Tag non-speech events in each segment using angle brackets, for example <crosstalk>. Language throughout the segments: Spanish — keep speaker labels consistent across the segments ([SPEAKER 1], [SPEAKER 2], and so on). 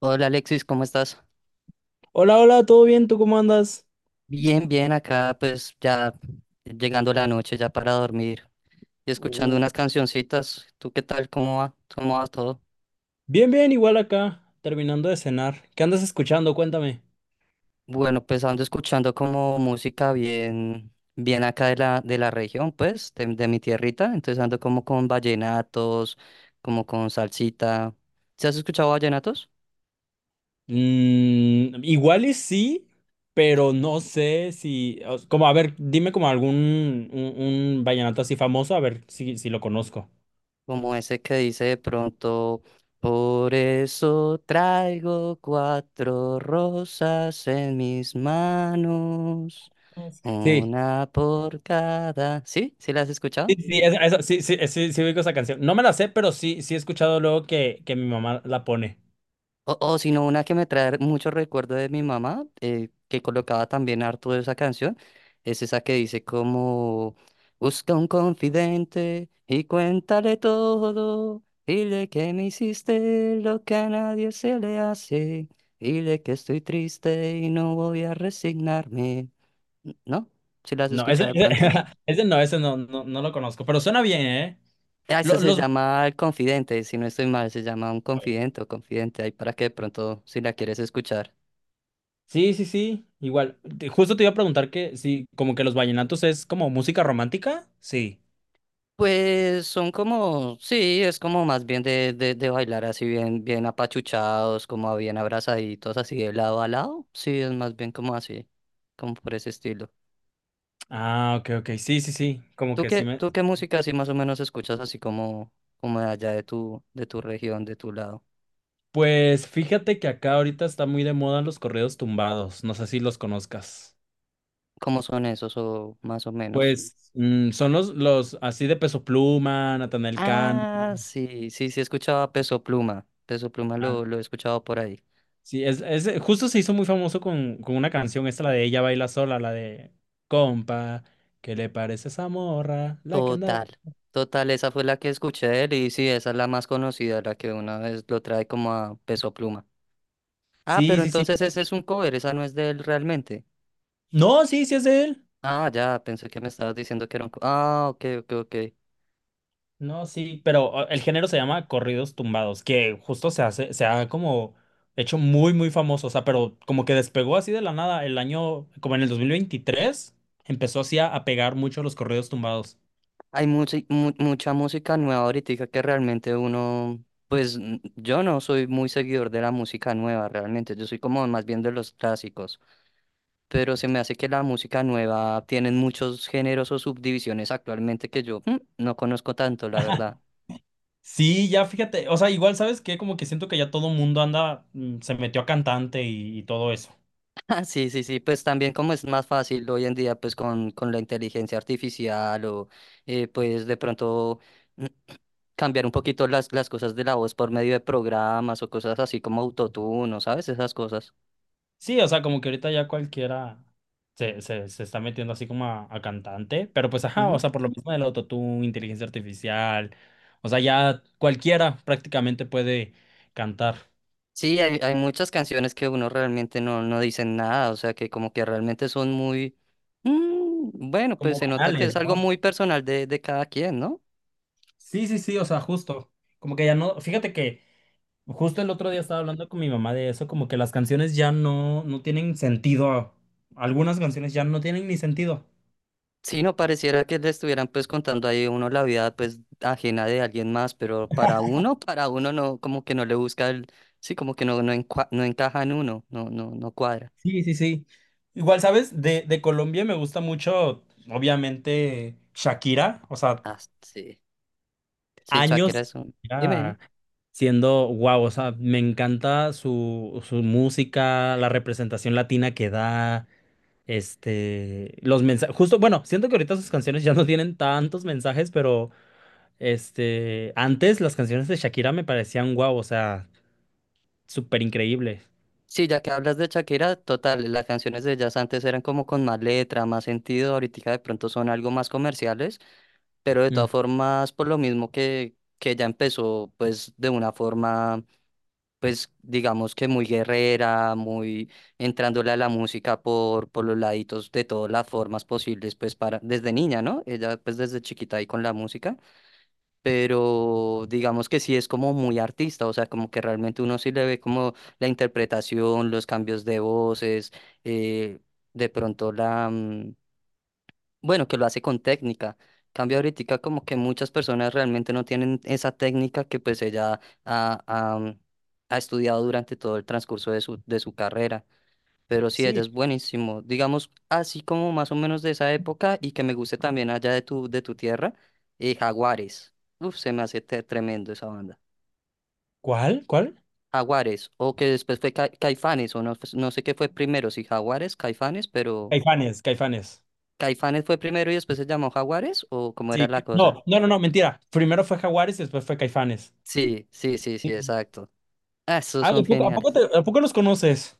[SPEAKER 1] Hola Alexis, ¿cómo estás?
[SPEAKER 2] Hola, hola, ¿todo bien? ¿Tú cómo andas?
[SPEAKER 1] Bien, bien, acá pues ya llegando la noche, ya para dormir y escuchando
[SPEAKER 2] Uh,
[SPEAKER 1] unas cancioncitas. ¿Tú qué tal? ¿Cómo va? ¿Cómo va todo?
[SPEAKER 2] Bien, bien, igual acá, terminando de cenar. ¿Qué andas escuchando? Cuéntame.
[SPEAKER 1] Bueno, pues ando escuchando como música bien, bien acá de la región, pues, de mi tierrita. Entonces ando como con vallenatos, como con salsita. ¿Se has escuchado vallenatos?
[SPEAKER 2] Mm, igual y sí, pero no sé si, o- s- como, a ver, dime como un vallenato así famoso, a ver si, si lo conozco.
[SPEAKER 1] Como ese que dice de pronto, por eso traigo cuatro rosas en mis manos,
[SPEAKER 2] Sí,
[SPEAKER 1] una por cada. ¿Sí? ¿Sí las has escuchado?
[SPEAKER 2] sí, sí, eso, sí, sí, sí, sí ubico esa canción. No me la sé, pero sí, sí he escuchado luego que mi mamá la pone.
[SPEAKER 1] O si no, una que me trae muchos recuerdos de mi mamá, que colocaba también harto de esa canción, es esa que dice como, busca un confidente y cuéntale todo, dile que me hiciste lo que a nadie se le hace, dile que estoy triste y no voy a resignarme. ¿No? ¿Si la has
[SPEAKER 2] No, ese,
[SPEAKER 1] escuchado de
[SPEAKER 2] ese,
[SPEAKER 1] pronto?
[SPEAKER 2] <laughs> ese no, no, no lo conozco, pero suena bien, ¿eh?
[SPEAKER 1] Ah, esa
[SPEAKER 2] Lo-
[SPEAKER 1] se
[SPEAKER 2] Los...
[SPEAKER 1] llama El Confidente, si no estoy mal, se llama Un Confidente o Confidente, ahí para que de pronto, si la quieres escuchar.
[SPEAKER 2] Sí, sí, sí, igual. Justo te iba a preguntar que sí, como que los vallenatos es como música romántica. Sí.
[SPEAKER 1] Pues son como, sí, es como más bien de, bailar así bien, bien apachuchados, como bien abrazaditos, así de lado a lado. Sí, es más bien como así, como por ese estilo.
[SPEAKER 2] Ah, ok, ok. Sí, sí, sí. Como
[SPEAKER 1] ¿Tú
[SPEAKER 2] que
[SPEAKER 1] qué,
[SPEAKER 2] sí me.
[SPEAKER 1] tú qué música así más o menos escuchas así como, de allá de tu región, de tu lado?
[SPEAKER 2] Pues fíjate que acá ahorita está muy de moda los corridos tumbados. No sé si los conozcas.
[SPEAKER 1] ¿Cómo son esos o más o menos?
[SPEAKER 2] Pues mm, son los así de Peso Pluma, Natanael Cano.
[SPEAKER 1] Ah, sí, sí, sí escuchaba Peso Pluma. Peso Pluma
[SPEAKER 2] Ah,
[SPEAKER 1] lo he escuchado por ahí.
[SPEAKER 2] sí, es justo se hizo muy famoso con una canción, esta la de Ella baila sola, la de Compa, ¿qué le parece esa morra? La que andaba.
[SPEAKER 1] Total, total, esa fue la que escuché de él y sí, esa es la más conocida, la que una vez lo trae como a Peso Pluma. Ah,
[SPEAKER 2] Sí,
[SPEAKER 1] pero
[SPEAKER 2] sí, sí.
[SPEAKER 1] entonces ese es un cover, esa no es de él realmente.
[SPEAKER 2] No, sí, sí es de él.
[SPEAKER 1] Ah, ya, pensé que me estabas diciendo que era un cover. Ah, ok, ok, ok.
[SPEAKER 2] No, sí, pero o, el género se llama corridos tumbados, que justo se hace, se ha como hecho muy, muy famoso, o sea, pero como que despegó así de la nada el año, como en el 2023 empezó así a pegar mucho los corridos tumbados.
[SPEAKER 1] Hay mucha, mucha música nueva ahorita que realmente uno, pues yo no soy muy seguidor de la música nueva realmente, yo soy como más bien de los clásicos, pero se me hace que la música nueva tienen muchos géneros o subdivisiones actualmente que yo no conozco tanto, la verdad.
[SPEAKER 2] Sí, ya fíjate, o sea, igual sabes que como que siento que ya todo mundo anda, mm, se metió a cantante y todo eso.
[SPEAKER 1] Ah, sí, sí, sí, pues también como es más fácil hoy en día, pues con, la inteligencia artificial o pues de pronto <clears throat> mm, cambiar un poquito las cosas de la voz por medio de programas o cosas así como autotune, ¿no ¿sabes? Esas cosas.
[SPEAKER 2] Sí, o sea, como que ahorita ya cualquiera se está metiendo así como a cantante, pero pues ajá, o
[SPEAKER 1] Ujú.
[SPEAKER 2] sea, por lo mismo del autotune, inteligencia artificial, o sea, ya cualquiera prácticamente puede cantar
[SPEAKER 1] Sí, hay muchas canciones que uno realmente no, no dicen nada, o sea que como que realmente son muy... bueno, pues
[SPEAKER 2] como
[SPEAKER 1] se nota que
[SPEAKER 2] banales,
[SPEAKER 1] es algo
[SPEAKER 2] ¿no?
[SPEAKER 1] muy personal de cada quien, ¿no?
[SPEAKER 2] Sí, sí, sí, o sea, justo, como que ya no, fíjate que justo el otro día estaba hablando con mi mamá de eso, como que las canciones ya no tienen sentido, algunas canciones ya no tienen ni sentido.
[SPEAKER 1] Sí, no pareciera que le estuvieran pues contando ahí uno la vida pues ajena de alguien más, pero para uno no, como que no le busca el, sí, como que no, no, no encaja en uno, no, no, no cuadra.
[SPEAKER 2] Sí, sí, sí. Igual, ¿sabes? De Colombia me gusta mucho, obviamente, Shakira. O sea,
[SPEAKER 1] Ah, sí, sí,
[SPEAKER 2] años
[SPEAKER 1] Shakira es un, dime, dime.
[SPEAKER 2] Shakira siendo guau. O sea, me encanta su, su música, la representación latina que da, este, los mensajes. Justo, bueno, siento que ahorita sus canciones ya no tienen tantos mensajes, pero este, antes las canciones de Shakira me parecían guau. O sea, súper increíble.
[SPEAKER 1] Sí, ya que hablas de Shakira, total, las canciones de ellas antes eran como con más letra, más sentido, ahorita de pronto son algo más comerciales, pero de todas
[SPEAKER 2] Mm.
[SPEAKER 1] formas, por lo mismo que, ella empezó pues de una forma pues digamos que muy guerrera, muy entrándole a la música por los laditos de todas las formas posibles, pues para, desde niña, ¿no? Ella pues desde chiquita ahí con la música, pero digamos que sí es como muy artista, o sea, como que realmente uno sí le ve como la interpretación, los cambios de voces, eh, de pronto la... bueno, que lo hace con técnica. Cambia ahorita como que muchas personas realmente no tienen esa técnica que pues ella ha, ha- mm, ha estudiado durante todo el transcurso de su, carrera. Pero sí, ella
[SPEAKER 2] Sí.
[SPEAKER 1] es buenísimo. Digamos, así como más o menos de esa época y que me guste también allá de tu tierra, Jaguares. Uf, se me hace tremendo esa banda.
[SPEAKER 2] ¿Cuál? ¿Cuál?
[SPEAKER 1] Jaguares, o que después fue Caifanes, o no, pues, no sé qué fue primero, si Jaguares, Caifanes, pero...
[SPEAKER 2] Caifanes, Caifanes.
[SPEAKER 1] ¿Caifanes fue primero y después se llamó Jaguares? ¿O cómo era
[SPEAKER 2] Sí,
[SPEAKER 1] la cosa?
[SPEAKER 2] no, no, no, no, mentira. Primero fue Jaguares y después fue Caifanes.
[SPEAKER 1] Sí, sí, sí, sí,
[SPEAKER 2] Sí.
[SPEAKER 1] exacto. Ah, esos
[SPEAKER 2] Ah, ¿a
[SPEAKER 1] son
[SPEAKER 2] poco, a poco
[SPEAKER 1] geniales.
[SPEAKER 2] a poco los conoces?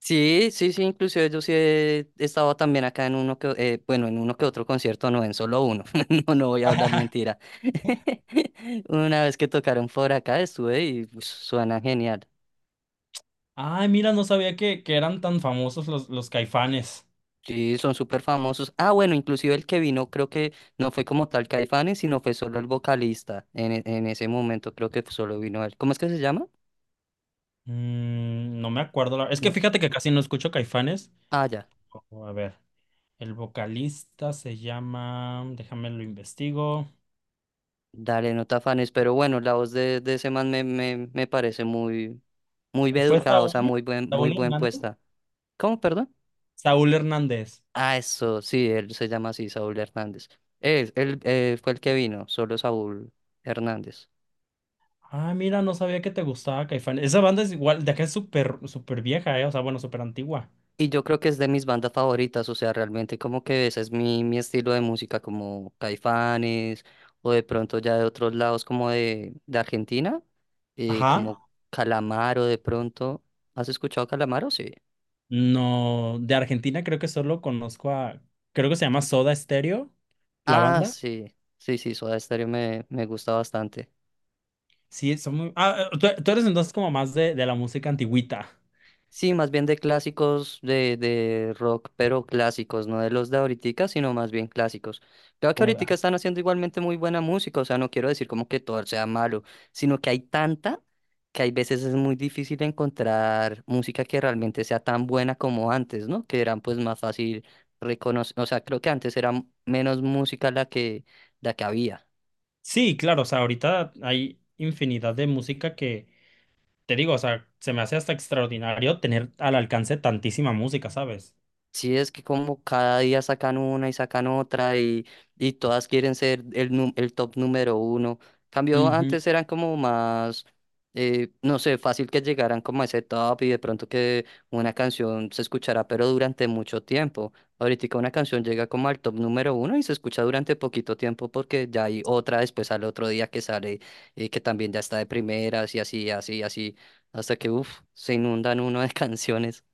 [SPEAKER 1] Sí, sí, sí, inclusive yo sí he estado también acá en uno que, bueno, en uno que otro concierto, no, en solo uno. <laughs> No, no voy a hablar
[SPEAKER 2] <laughs>
[SPEAKER 1] mentira. <laughs> Una vez que tocaron por acá estuve y pues, suena genial.
[SPEAKER 2] Ay, mira, no sabía que eran tan famosos los Caifanes.
[SPEAKER 1] Sí, son súper famosos. Ah, bueno, inclusive el que vino creo que no fue como tal Caifanes, sino fue solo el vocalista en ese momento, creo que solo vino él. ¿Cómo es que se llama?
[SPEAKER 2] Mm, no me acuerdo. Es que
[SPEAKER 1] No.
[SPEAKER 2] fíjate que casi no escucho Caifanes.
[SPEAKER 1] Ah, ya.
[SPEAKER 2] Oh, a ver, el vocalista se llama, déjame lo investigo.
[SPEAKER 1] Dale, no te afanes, pero bueno, la voz de, ese man me parece muy, muy bien
[SPEAKER 2] ¿Fue
[SPEAKER 1] educada, o sea,
[SPEAKER 2] Saúl?
[SPEAKER 1] muy buen, muy
[SPEAKER 2] ¿Saúl
[SPEAKER 1] buen
[SPEAKER 2] Hernández?
[SPEAKER 1] puesta. ¿Cómo, perdón?
[SPEAKER 2] Saúl Hernández.
[SPEAKER 1] Ah, eso, sí, él se llama así, Saúl Hernández. Él, fue el que vino, solo Saúl Hernández.
[SPEAKER 2] Ah, mira, no sabía que te gustaba Caifanes. Esa banda es igual, de acá es súper, súper vieja, ¿eh? O sea, bueno, súper antigua.
[SPEAKER 1] Y yo creo que es de mis bandas favoritas, o sea, realmente como que ese es mi estilo de música, como Caifanes, o de pronto ya de otros lados, como de, Argentina,
[SPEAKER 2] Ajá.
[SPEAKER 1] como Calamaro de pronto. ¿Has escuchado Calamaro? Sí.
[SPEAKER 2] No, de Argentina creo que solo conozco a, creo que se llama Soda Stereo, la
[SPEAKER 1] Ah,
[SPEAKER 2] banda.
[SPEAKER 1] sí, sí, sí, Soda Stereo me gusta bastante.
[SPEAKER 2] Sí, son muy... Ah, tú, tú eres entonces como más de la música antigüita.
[SPEAKER 1] Sí, más bien de clásicos de rock, pero clásicos, no de los de ahoritica, sino más bien clásicos. Creo que ahoritica
[SPEAKER 2] Ajá.
[SPEAKER 1] están haciendo igualmente muy buena música, o sea, no quiero decir como que todo sea malo, sino que hay tanta que hay veces es muy difícil encontrar música que realmente sea tan buena como antes, ¿no? Que eran pues más fácil reconocer, o sea, creo que antes era menos música la que había.
[SPEAKER 2] Sí, claro, o sea, ahorita hay infinidad de música que, te digo, o sea, se me hace hasta extraordinario tener al alcance tantísima música, ¿sabes?
[SPEAKER 1] Sí, es que como cada día sacan una y sacan otra y todas quieren ser el, el top número uno. Cambio,
[SPEAKER 2] Ujú.
[SPEAKER 1] antes eran como más, no sé, fácil que llegaran como a ese top y de pronto que una canción se escuchará, pero durante mucho tiempo. Ahorita una canción llega como al top número uno y se escucha durante poquito tiempo porque ya hay otra después al otro día que sale que también ya está de primeras y así, así, así, hasta que, uff, se inundan uno de <laughs> canciones.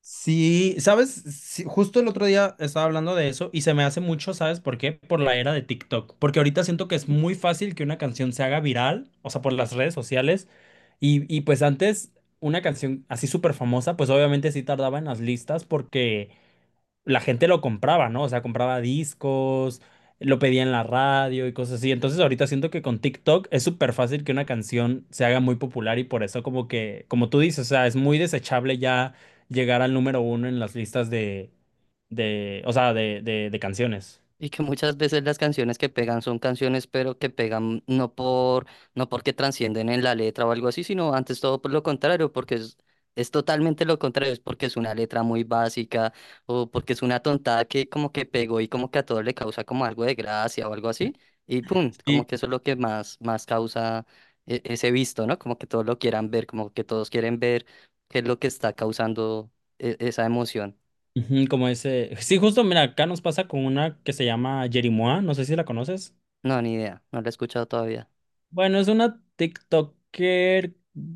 [SPEAKER 2] Sí, sabes, sí, justo el otro día estaba hablando de eso y se me hace mucho, ¿sabes por qué? Por la era de TikTok, porque ahorita siento que es muy fácil que una canción se haga viral, o sea, por las redes sociales, y pues antes una canción así súper famosa, pues obviamente sí tardaba en las listas porque la gente lo compraba, ¿no? O sea, compraba discos, lo pedía en la radio y cosas así. Entonces ahorita siento que con TikTok es súper fácil que una canción se haga muy popular y por eso como que, como tú dices, o sea, es muy desechable ya llegar al número uno en las listas de, o sea, de canciones.
[SPEAKER 1] Y que muchas veces las canciones que pegan son canciones, pero que pegan no porque transcienden en la letra o algo así, sino antes todo por lo contrario, porque es totalmente lo contrario, es porque es una letra muy básica o porque es una tontada que como que pegó y como que a todos le causa como algo de gracia o algo así, y pum,
[SPEAKER 2] Sí.
[SPEAKER 1] como que eso es lo que más, más causa ese visto, ¿no? Como que todos lo quieran ver, como que todos quieren ver qué es lo que está causando esa emoción.
[SPEAKER 2] Ujú, como ese. Sí, justo, mira, acá nos pasa con una que se llama Jerimois, no sé si la conoces.
[SPEAKER 1] No, ni idea, no la he escuchado todavía.
[SPEAKER 2] Bueno, es una TikToker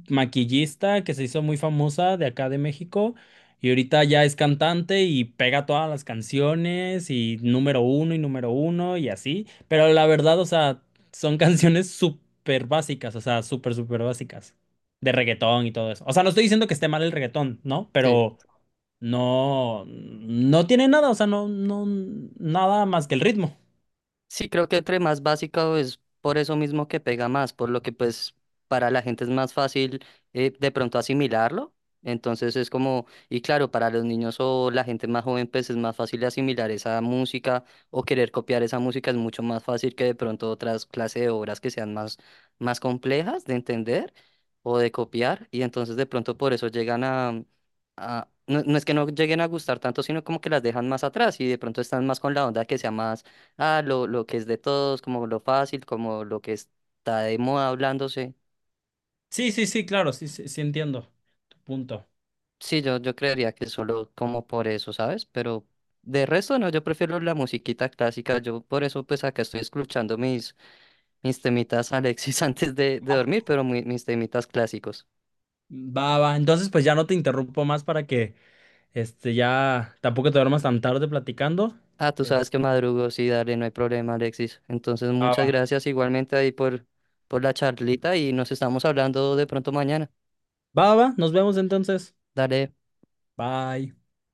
[SPEAKER 2] maquillista que se hizo muy famosa de acá de México y ahorita ya es cantante y pega todas las canciones y número uno y número uno y así. Pero la verdad, o sea, son <laughs> canciones súper básicas, o sea, súper, súper básicas de reggaetón y todo eso. O sea, no estoy diciendo que esté mal el reggaetón, ¿no?
[SPEAKER 1] Sí.
[SPEAKER 2] Pero no, no tiene nada, o sea, no, no, nada más que el ritmo.
[SPEAKER 1] Sí, creo que entre más básica es por eso mismo que pega más, por lo que pues para la gente es más fácil de pronto asimilarlo. Entonces es como, y claro, para los niños o la gente más joven pues es más fácil asimilar esa música o querer copiar esa música es mucho más fácil que de pronto otras clases de obras que sean más, más complejas de entender o de copiar. Y entonces de pronto por eso no, no es que no lleguen a gustar tanto, sino como que las dejan más atrás y de pronto están más con la onda que sea más. Ah, lo que es de todos, como lo fácil, como lo que está de moda hablándose.
[SPEAKER 2] Sí, sí, sí, claro, sí, sí, sí entiendo tu punto.
[SPEAKER 1] Sí, yo creería que solo como por eso, ¿sabes? Pero de resto no, yo prefiero la musiquita clásica. Yo por eso pues acá estoy escuchando mis temitas Alexis <laughs> antes de, dormir, pero mis temitas clásicos.
[SPEAKER 2] Va, va. Entonces, pues ya no te interrumpo más para que este ya tampoco te duermas tan tarde platicando.
[SPEAKER 1] Ah, tú
[SPEAKER 2] Es-
[SPEAKER 1] sabes que madrugo, sí, dale, no hay problema, Alexis. Entonces,
[SPEAKER 2] Va,
[SPEAKER 1] muchas
[SPEAKER 2] va.
[SPEAKER 1] gracias igualmente ahí por, la charlita y nos estamos hablando de pronto mañana.
[SPEAKER 2] Va, va. Nos vemos entonces.
[SPEAKER 1] Dale.
[SPEAKER 2] Bye.